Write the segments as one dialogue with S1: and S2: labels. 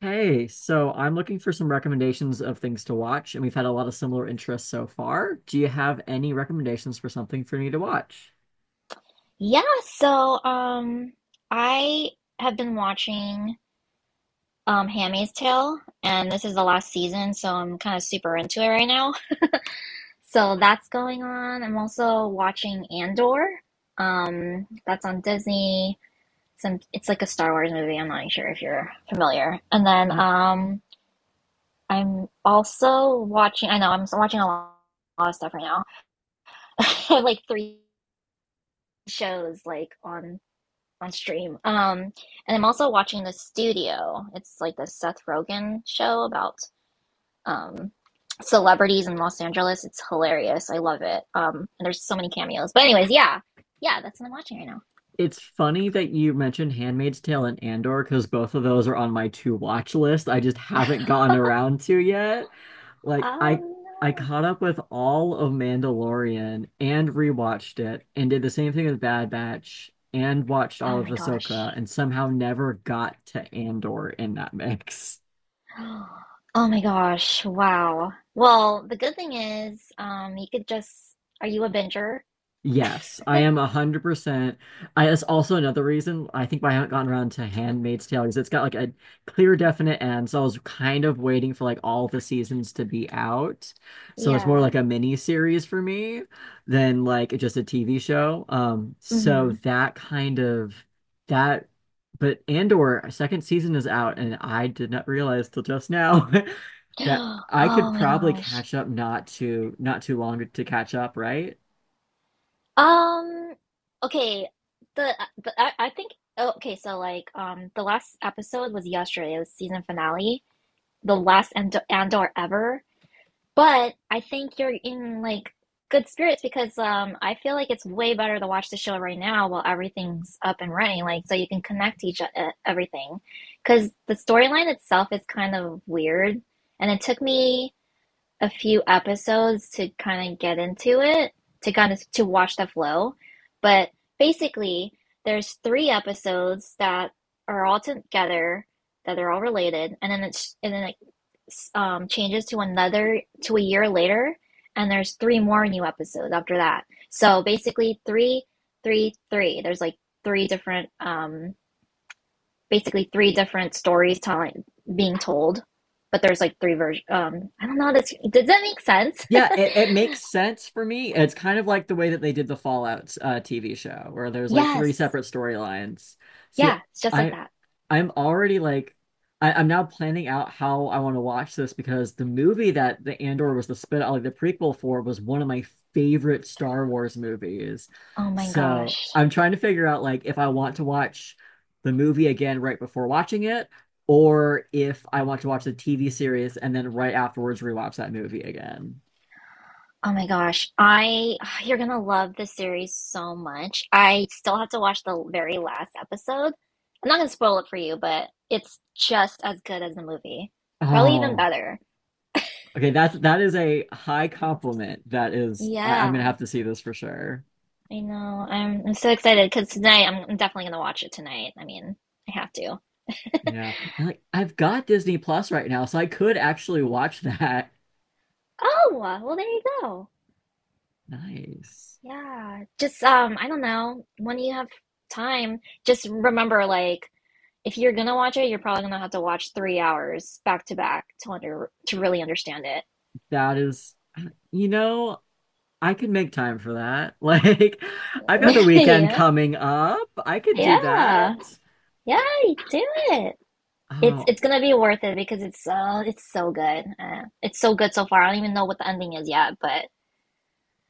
S1: Hey, so I'm looking for some recommendations of things to watch, and we've had a lot of similar interests so far. Do you have any recommendations for something for me to watch?
S2: Yeah, so I have been watching Handmaid's Tale, and this is the last season, so I'm kind of super into it right now. So that's going on. I'm also watching Andor. That's on Disney. Some it's like a Star Wars movie. I'm not sure if you're familiar. And then
S1: Uh,
S2: I'm also watching, I know I'm watching a lot of stuff right now. I have like three shows like on stream. And I'm also watching The Studio. It's like the Seth Rogen show about um celebrities in Los Angeles. It's hilarious. I love it. And there's so many cameos. But anyways, yeah, yeah, that's what I'm watching right now.
S1: it's funny that you mentioned Handmaid's Tale and Andor because both of those are on my to watch list. I just haven't gotten around to yet. Like I
S2: Um,
S1: I caught up with all of Mandalorian and rewatched it and did the same thing with Bad Batch and watched all
S2: oh
S1: of
S2: my
S1: Ahsoka
S2: gosh.
S1: and somehow never got to Andor in that mix.
S2: Oh my gosh. Wow. Well, the good thing is, you could just. Are you a binger?
S1: Yes, I am 100%. That's also another reason I think why I haven't gotten around to Handmaid's Tale because it's got like a clear, definite end. So I was kind of waiting for like all the seasons to be out. So it's more
S2: Yeah.
S1: like a mini series for me than like just a TV show. So
S2: Mm-hmm.
S1: that kind of that, but Andor second season is out, and I did not realize till just now that I could
S2: Oh my
S1: probably
S2: gosh.
S1: catch up not too long to catch up, right?
S2: Um, okay, I think oh, okay, so like the last episode was yesterday, it was season finale, the last Andor ever. But I think you're in like good spirits because I feel like it's way better to watch the show right now while everything's up and running, like so you can connect to each everything. Because the storyline itself is kind of weird, and it took me a few episodes to kind of get into it, to kind of to watch the flow. But basically, there's three episodes that are all together, that are all related, and then it changes to another to a year later, and there's three more new episodes after that. So basically, three, three, three. There's like three different, basically three different stories telling being told, but there's like three versions. I don't know. This Does that make sense?
S1: Yeah, it makes sense for me. It's kind of like the way that they did the Fallout TV show, where there's like three
S2: Yes.
S1: separate storylines. See,
S2: Yeah, it's just like
S1: I
S2: that.
S1: I'm already I'm now planning out how I want to watch this because the movie that the Andor was the spin like the prequel for was one of my favorite Star Wars movies.
S2: Oh my
S1: So
S2: gosh.
S1: I'm trying to figure out like if I want to watch the movie again right before watching it, or if I want to watch the TV series and then right afterwards rewatch that movie again.
S2: Oh my gosh. I you're gonna love this series so much. I still have to watch the very last episode. I'm not gonna spoil it for you, but it's just as good as the movie. Probably even
S1: Oh,
S2: better.
S1: okay. That is a high compliment. I'm gonna
S2: Yeah,
S1: have to see this for sure.
S2: I know. I'm so excited because tonight I'm definitely gonna watch it tonight. I mean, I have to.
S1: Yeah, and like I've got Disney Plus right now, so I could actually watch that.
S2: Oh, well there you go.
S1: Nice.
S2: Yeah. Just I don't know. When you have time, just remember, like if you're gonna watch it, you're probably gonna have to watch 3 hours back to back to under to really understand it.
S1: That is, you know, I could make time for that. Like, I've got the weekend
S2: Yeah,
S1: coming up. I could do
S2: yeah,
S1: that.
S2: yeah. You do it. It's
S1: Oh,
S2: it's gonna be worth it because it's so good. It's so good so far. I don't even know what the ending is yet, but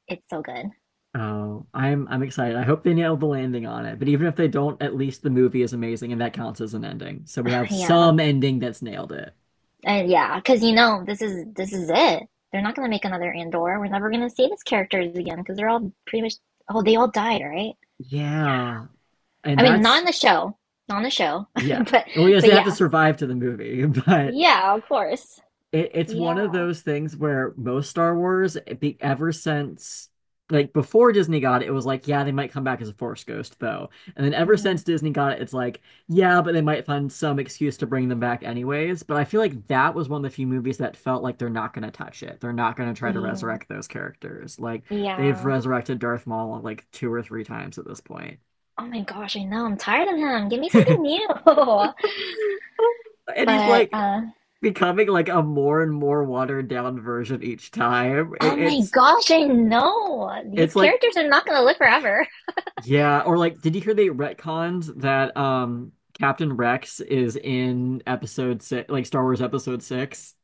S2: it's so good.
S1: oh, I'm excited. I hope they nail the landing on it. But even if they don't, at least the movie is amazing, and that counts as an ending. So we have
S2: Yeah,
S1: some ending that's nailed it.
S2: yeah. Because you know, this is it. They're not gonna make another Andor. We're never gonna see these characters again because they're all pretty much oh, they all died, right. Yeah.
S1: Yeah. And
S2: I mean, not
S1: that's,
S2: in the show, not in the show,
S1: yeah.
S2: but
S1: Well, yes,
S2: but
S1: they have to
S2: yeah,
S1: survive to the movie, but
S2: yeah, of course.
S1: it's one of
S2: Yeah.
S1: those things where most Star Wars, ever since, like before Disney got it, it was like, yeah, they might come back as a Force ghost, though. And then ever
S2: Mm,
S1: since Disney got it, it's like, yeah, but they might find some excuse to bring them back anyways. But I feel like that was one of the few movies that felt like they're not going to touch it. They're not going to try to
S2: yeah,
S1: resurrect those characters. Like they've
S2: yeah.
S1: resurrected Darth Maul like two or three times at this point.
S2: Oh my gosh, I know. I'm tired of him. Give me something new.
S1: And he's
S2: But
S1: like becoming like a more and more watered down version each time.
S2: oh
S1: It-
S2: my
S1: it's
S2: gosh, I know. These
S1: it's like
S2: characters are not gonna live forever.
S1: yeah, or like did you hear they retconned that Captain Rex is in episode six, like Star Wars episode six?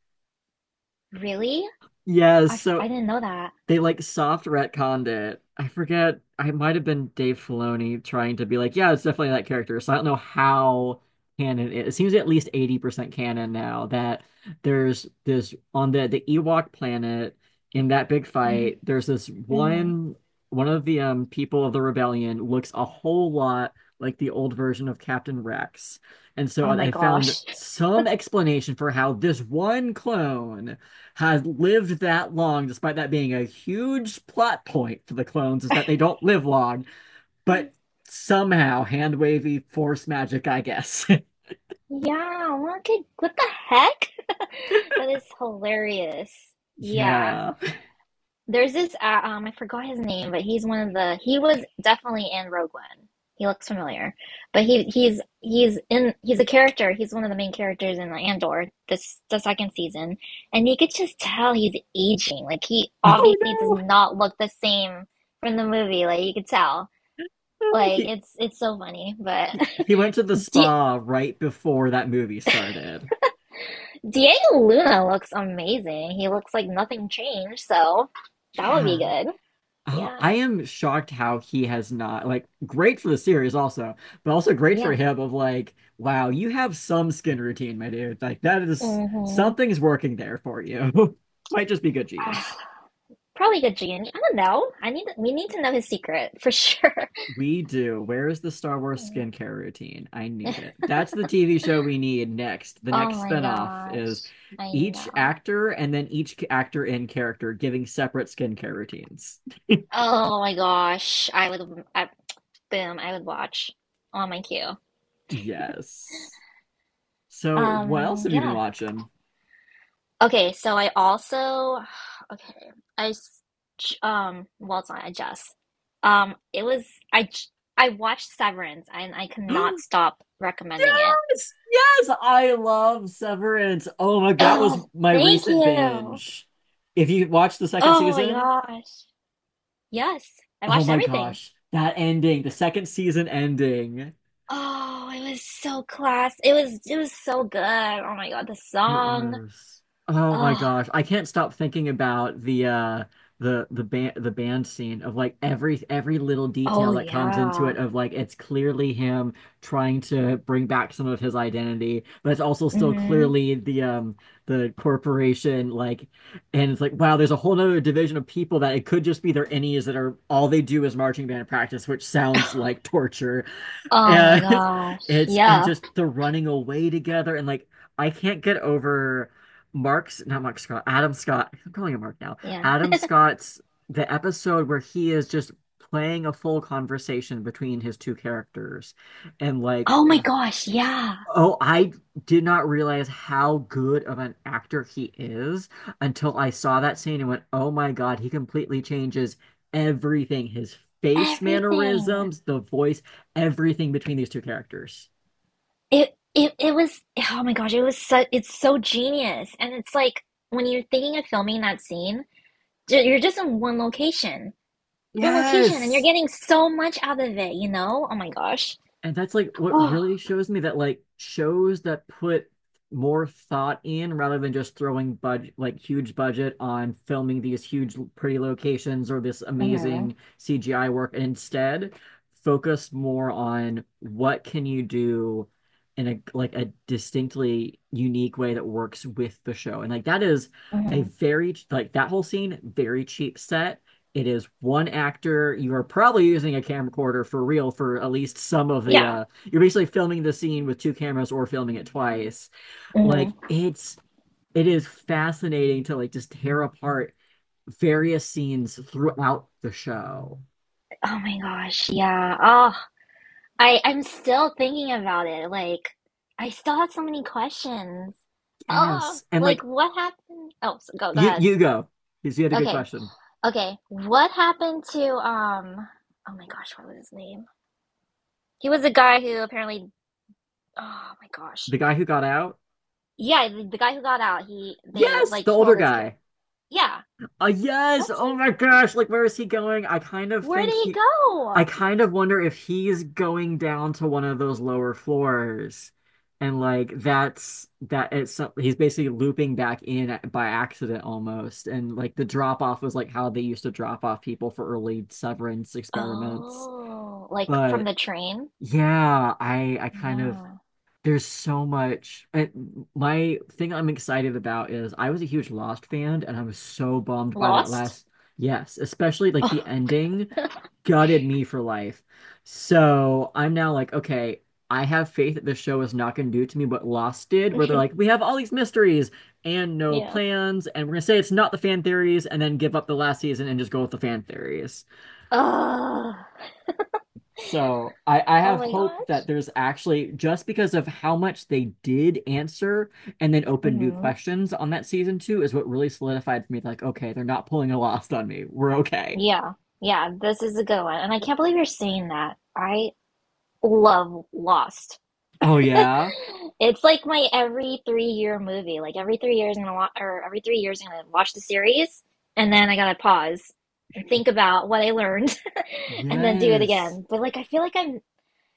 S2: Really?
S1: Yes,
S2: I
S1: so
S2: didn't know that.
S1: they like soft retconned it. I forget. I might have been Dave Filoni trying to be like, yeah, it's definitely that character. So I don't know how canon it is. It seems at least 80% canon now that there's this on the Ewok planet in that big fight, there's this
S2: Hmm.
S1: one one of the people of the rebellion looks a whole lot like the old version of Captain Rex. And so
S2: Oh my
S1: I found
S2: gosh.
S1: some explanation for how this one clone has lived that long, despite that being a huge plot point for the clones, is that they don't live long, but somehow hand wavy force magic, I guess.
S2: Yeah, what the heck? That is hilarious. Yeah.
S1: Yeah.
S2: There's this I forgot his name, but he was definitely in Rogue One. He looks familiar. But he's a character. He's one of the main characters in Andor this the second season. And you could just tell he's aging. Like he
S1: Oh
S2: obviously does
S1: no.
S2: not look the same from the movie. Like you could tell.
S1: Oh,
S2: Like
S1: he,
S2: it's so funny, but
S1: he went to the
S2: Di
S1: spa right before that movie started.
S2: Diego Luna looks amazing. He looks like nothing changed, so that would be
S1: Yeah.
S2: good.
S1: Oh, I
S2: Yeah.
S1: am shocked how he has not like great for the series also, but also great for
S2: Yeah.
S1: him of like, wow, you have some skin routine, my dude. Like that is
S2: Mm-hmm.
S1: something's working there for you. Might just be good genes.
S2: Probably the genie. I don't know. I need We need to know his secret for sure.
S1: We do. Where is the Star Wars
S2: Mm.
S1: skincare routine? I need it. That's the TV show we need next. The
S2: Oh
S1: next
S2: my
S1: spinoff is
S2: gosh. I
S1: each
S2: know.
S1: actor and then each actor in character giving separate skincare routines.
S2: Oh my gosh. Boom, I would watch on my queue.
S1: Yes. So what else have you been
S2: Yeah.
S1: watching?
S2: Okay, so I also okay. I s- j- well it's not I just it was I j- I watched Severance, and I cannot stop recommending it.
S1: Yes, I love Severance. Oh my, that was
S2: Oh,
S1: my
S2: thank
S1: recent
S2: you.
S1: binge. If you watch the second
S2: Oh my
S1: season,
S2: gosh. Yes, I
S1: oh
S2: watched
S1: my
S2: everything.
S1: gosh, that ending, the second season ending.
S2: Oh, it was so class. It was so good. Oh my God, the
S1: It
S2: song.
S1: was oh my
S2: Oh,
S1: gosh. I can't stop thinking about the the band scene of like every little
S2: oh
S1: detail that comes into
S2: yeah.
S1: it of like it's clearly him trying to bring back some of his identity, but it's also still
S2: Mm-hmm.
S1: clearly the corporation like and it's like wow, there's a whole nother division of people that it could just be their innies that are all they do is marching band practice, which sounds like torture.
S2: Oh my
S1: And
S2: gosh.
S1: it's and
S2: Yeah.
S1: just the running away together and like I can't get over Mark's not Mark Scott, Adam Scott. I'm calling him Mark now.
S2: Yeah.
S1: Adam Scott's the episode where he is just playing a full conversation between his two characters and like
S2: Oh my gosh, yeah.
S1: oh, I did not realize how good of an actor he is until I saw that scene and went, oh my God, he completely changes everything. His face
S2: Everything.
S1: mannerisms, the voice, everything between these two characters.
S2: It was oh my gosh, it was it's so genius. And it's like when you're thinking of filming that scene, you're just in one location. One location, and you're
S1: Yes.
S2: getting so much out of it, you know? Oh my gosh.
S1: And that's like what
S2: Oh.
S1: really shows me that like shows that put more thought in rather than just throwing budget like huge budget on filming these huge pretty locations or this
S2: Mm-hmm.
S1: amazing CGI work and instead focus more on what can you do in a distinctly unique way that works with the show. And like that is a
S2: Mm-hmm.
S1: very like that whole scene, very cheap set it is one actor. You are probably using a camcorder for real for at least some of the
S2: Yeah.
S1: you're basically filming the scene with two cameras or filming it twice. Like
S2: Mhm.
S1: it is fascinating to like just tear apart various scenes throughout the show.
S2: Oh my gosh, yeah. Oh, I'm still thinking about it. Like, I still have so many questions. Oh,
S1: Yes. And
S2: like
S1: like
S2: what happened? Oh, so go ahead.
S1: you go because you had a good
S2: Okay,
S1: question.
S2: okay. What happened to um? Oh my gosh, what was his name? He was the guy who apparently. Oh my gosh.
S1: The guy who got out?
S2: Yeah, the guy who got out. He, they
S1: Yes,
S2: like
S1: the older
S2: killed his
S1: guy.
S2: character. Yeah.
S1: Yes.
S2: What's his
S1: Oh my
S2: name?
S1: gosh. Like, where is he going?
S2: Where did he
S1: I
S2: go?
S1: kind of wonder if he's going down to one of those lower floors, and like that's that it's he's basically looping back in by accident almost, and like the drop off was like how they used to drop off people for early severance experiments.
S2: Oh, like from
S1: But
S2: the train?
S1: yeah, I kind of
S2: Yeah.
S1: there's so much. And my thing I'm excited about is I was a huge Lost fan and I was so bummed by that
S2: Lost?
S1: last, yes, especially like
S2: Oh.
S1: the ending gutted me for life. So I'm now like, okay, I have faith that this show is not going to do to me what Lost did, where they're like, we have all these mysteries and no
S2: Yeah.
S1: plans, and we're going to say it's not the fan theories and then give up the last season and just go with the fan theories.
S2: Ugh.
S1: So I
S2: Oh
S1: have
S2: my
S1: hope that
S2: gosh.
S1: there's actually just because of how much they did answer and then open new
S2: Hmm.
S1: questions on that season two is what really solidified for me. Like, okay, they're not pulling a lost on me. We're okay.
S2: Yeah. Yeah, this is a good one. And I can't believe you're saying that. I love Lost.
S1: Oh yeah.
S2: It's like my every three-year movie. Like every 3 years I'm gonna watch, or every 3 years I'm gonna watch the series, and then I gotta pause and think about what I learned and then do it
S1: Yes.
S2: again. But like I feel like I'm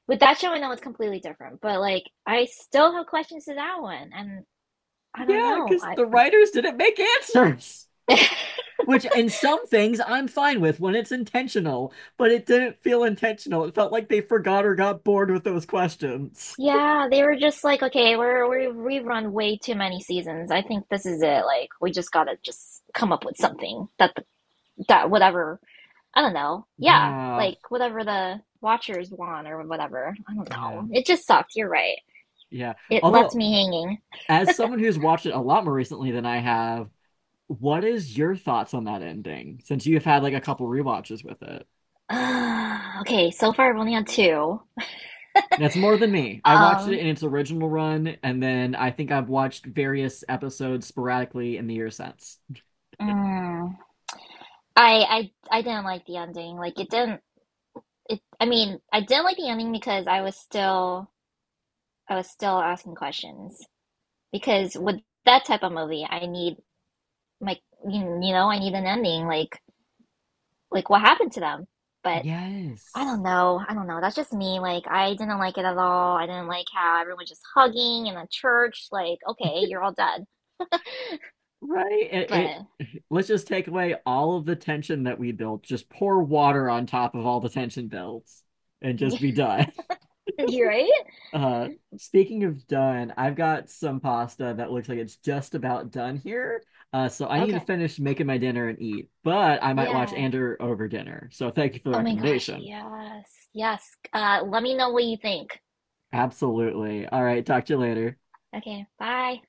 S2: with that show, I know it's completely different, but like I still have questions to that one, and I
S1: Yeah,
S2: don't know.
S1: because
S2: I
S1: the writers didn't make answers. Which in some things I'm fine with when it's intentional, but it didn't feel intentional. It felt like they forgot or got bored with those questions.
S2: yeah, they were just like, okay, we're we've run way too many seasons. I think this is it. Like, we just gotta just come up with something that the, that whatever, I don't know. Yeah,
S1: Yeah.
S2: like whatever the watchers want or whatever. I don't
S1: Yeah.
S2: know. It just sucked. You're right.
S1: Yeah.
S2: It left
S1: Although
S2: me hanging.
S1: as someone who's watched it a lot more recently than I have, what is your thoughts on that ending? Since you've had like a couple rewatches with it.
S2: Okay, so far I've only had two.
S1: That's more than me. I watched it
S2: Um,
S1: in its original run, and then I think I've watched various episodes sporadically in the year since.
S2: mm, I didn't like the ending. Like, it didn't. It. I mean, I didn't like the ending because I was still asking questions. Because with that type of movie, I need my, you know, I need an ending, like what happened to them, but I
S1: Yes.
S2: don't know, I don't know, that's just me, like I didn't like it at all, I didn't like how everyone was just hugging in the church, like okay, you're all dead,
S1: Right? It
S2: but
S1: let's just take away all of the tension that we built. Just pour water on top of all the tension builds and just be done.
S2: you're right.
S1: Uh, speaking of done, I've got some pasta that looks like it's just about done here. So I need to
S2: Okay,
S1: finish making my dinner and eat, but I might watch
S2: yeah,
S1: Andor over dinner. So thank you for the
S2: oh my gosh,
S1: recommendation.
S2: yes, yes, let me know what you think.
S1: Absolutely. All right, talk to you later.
S2: Okay, bye.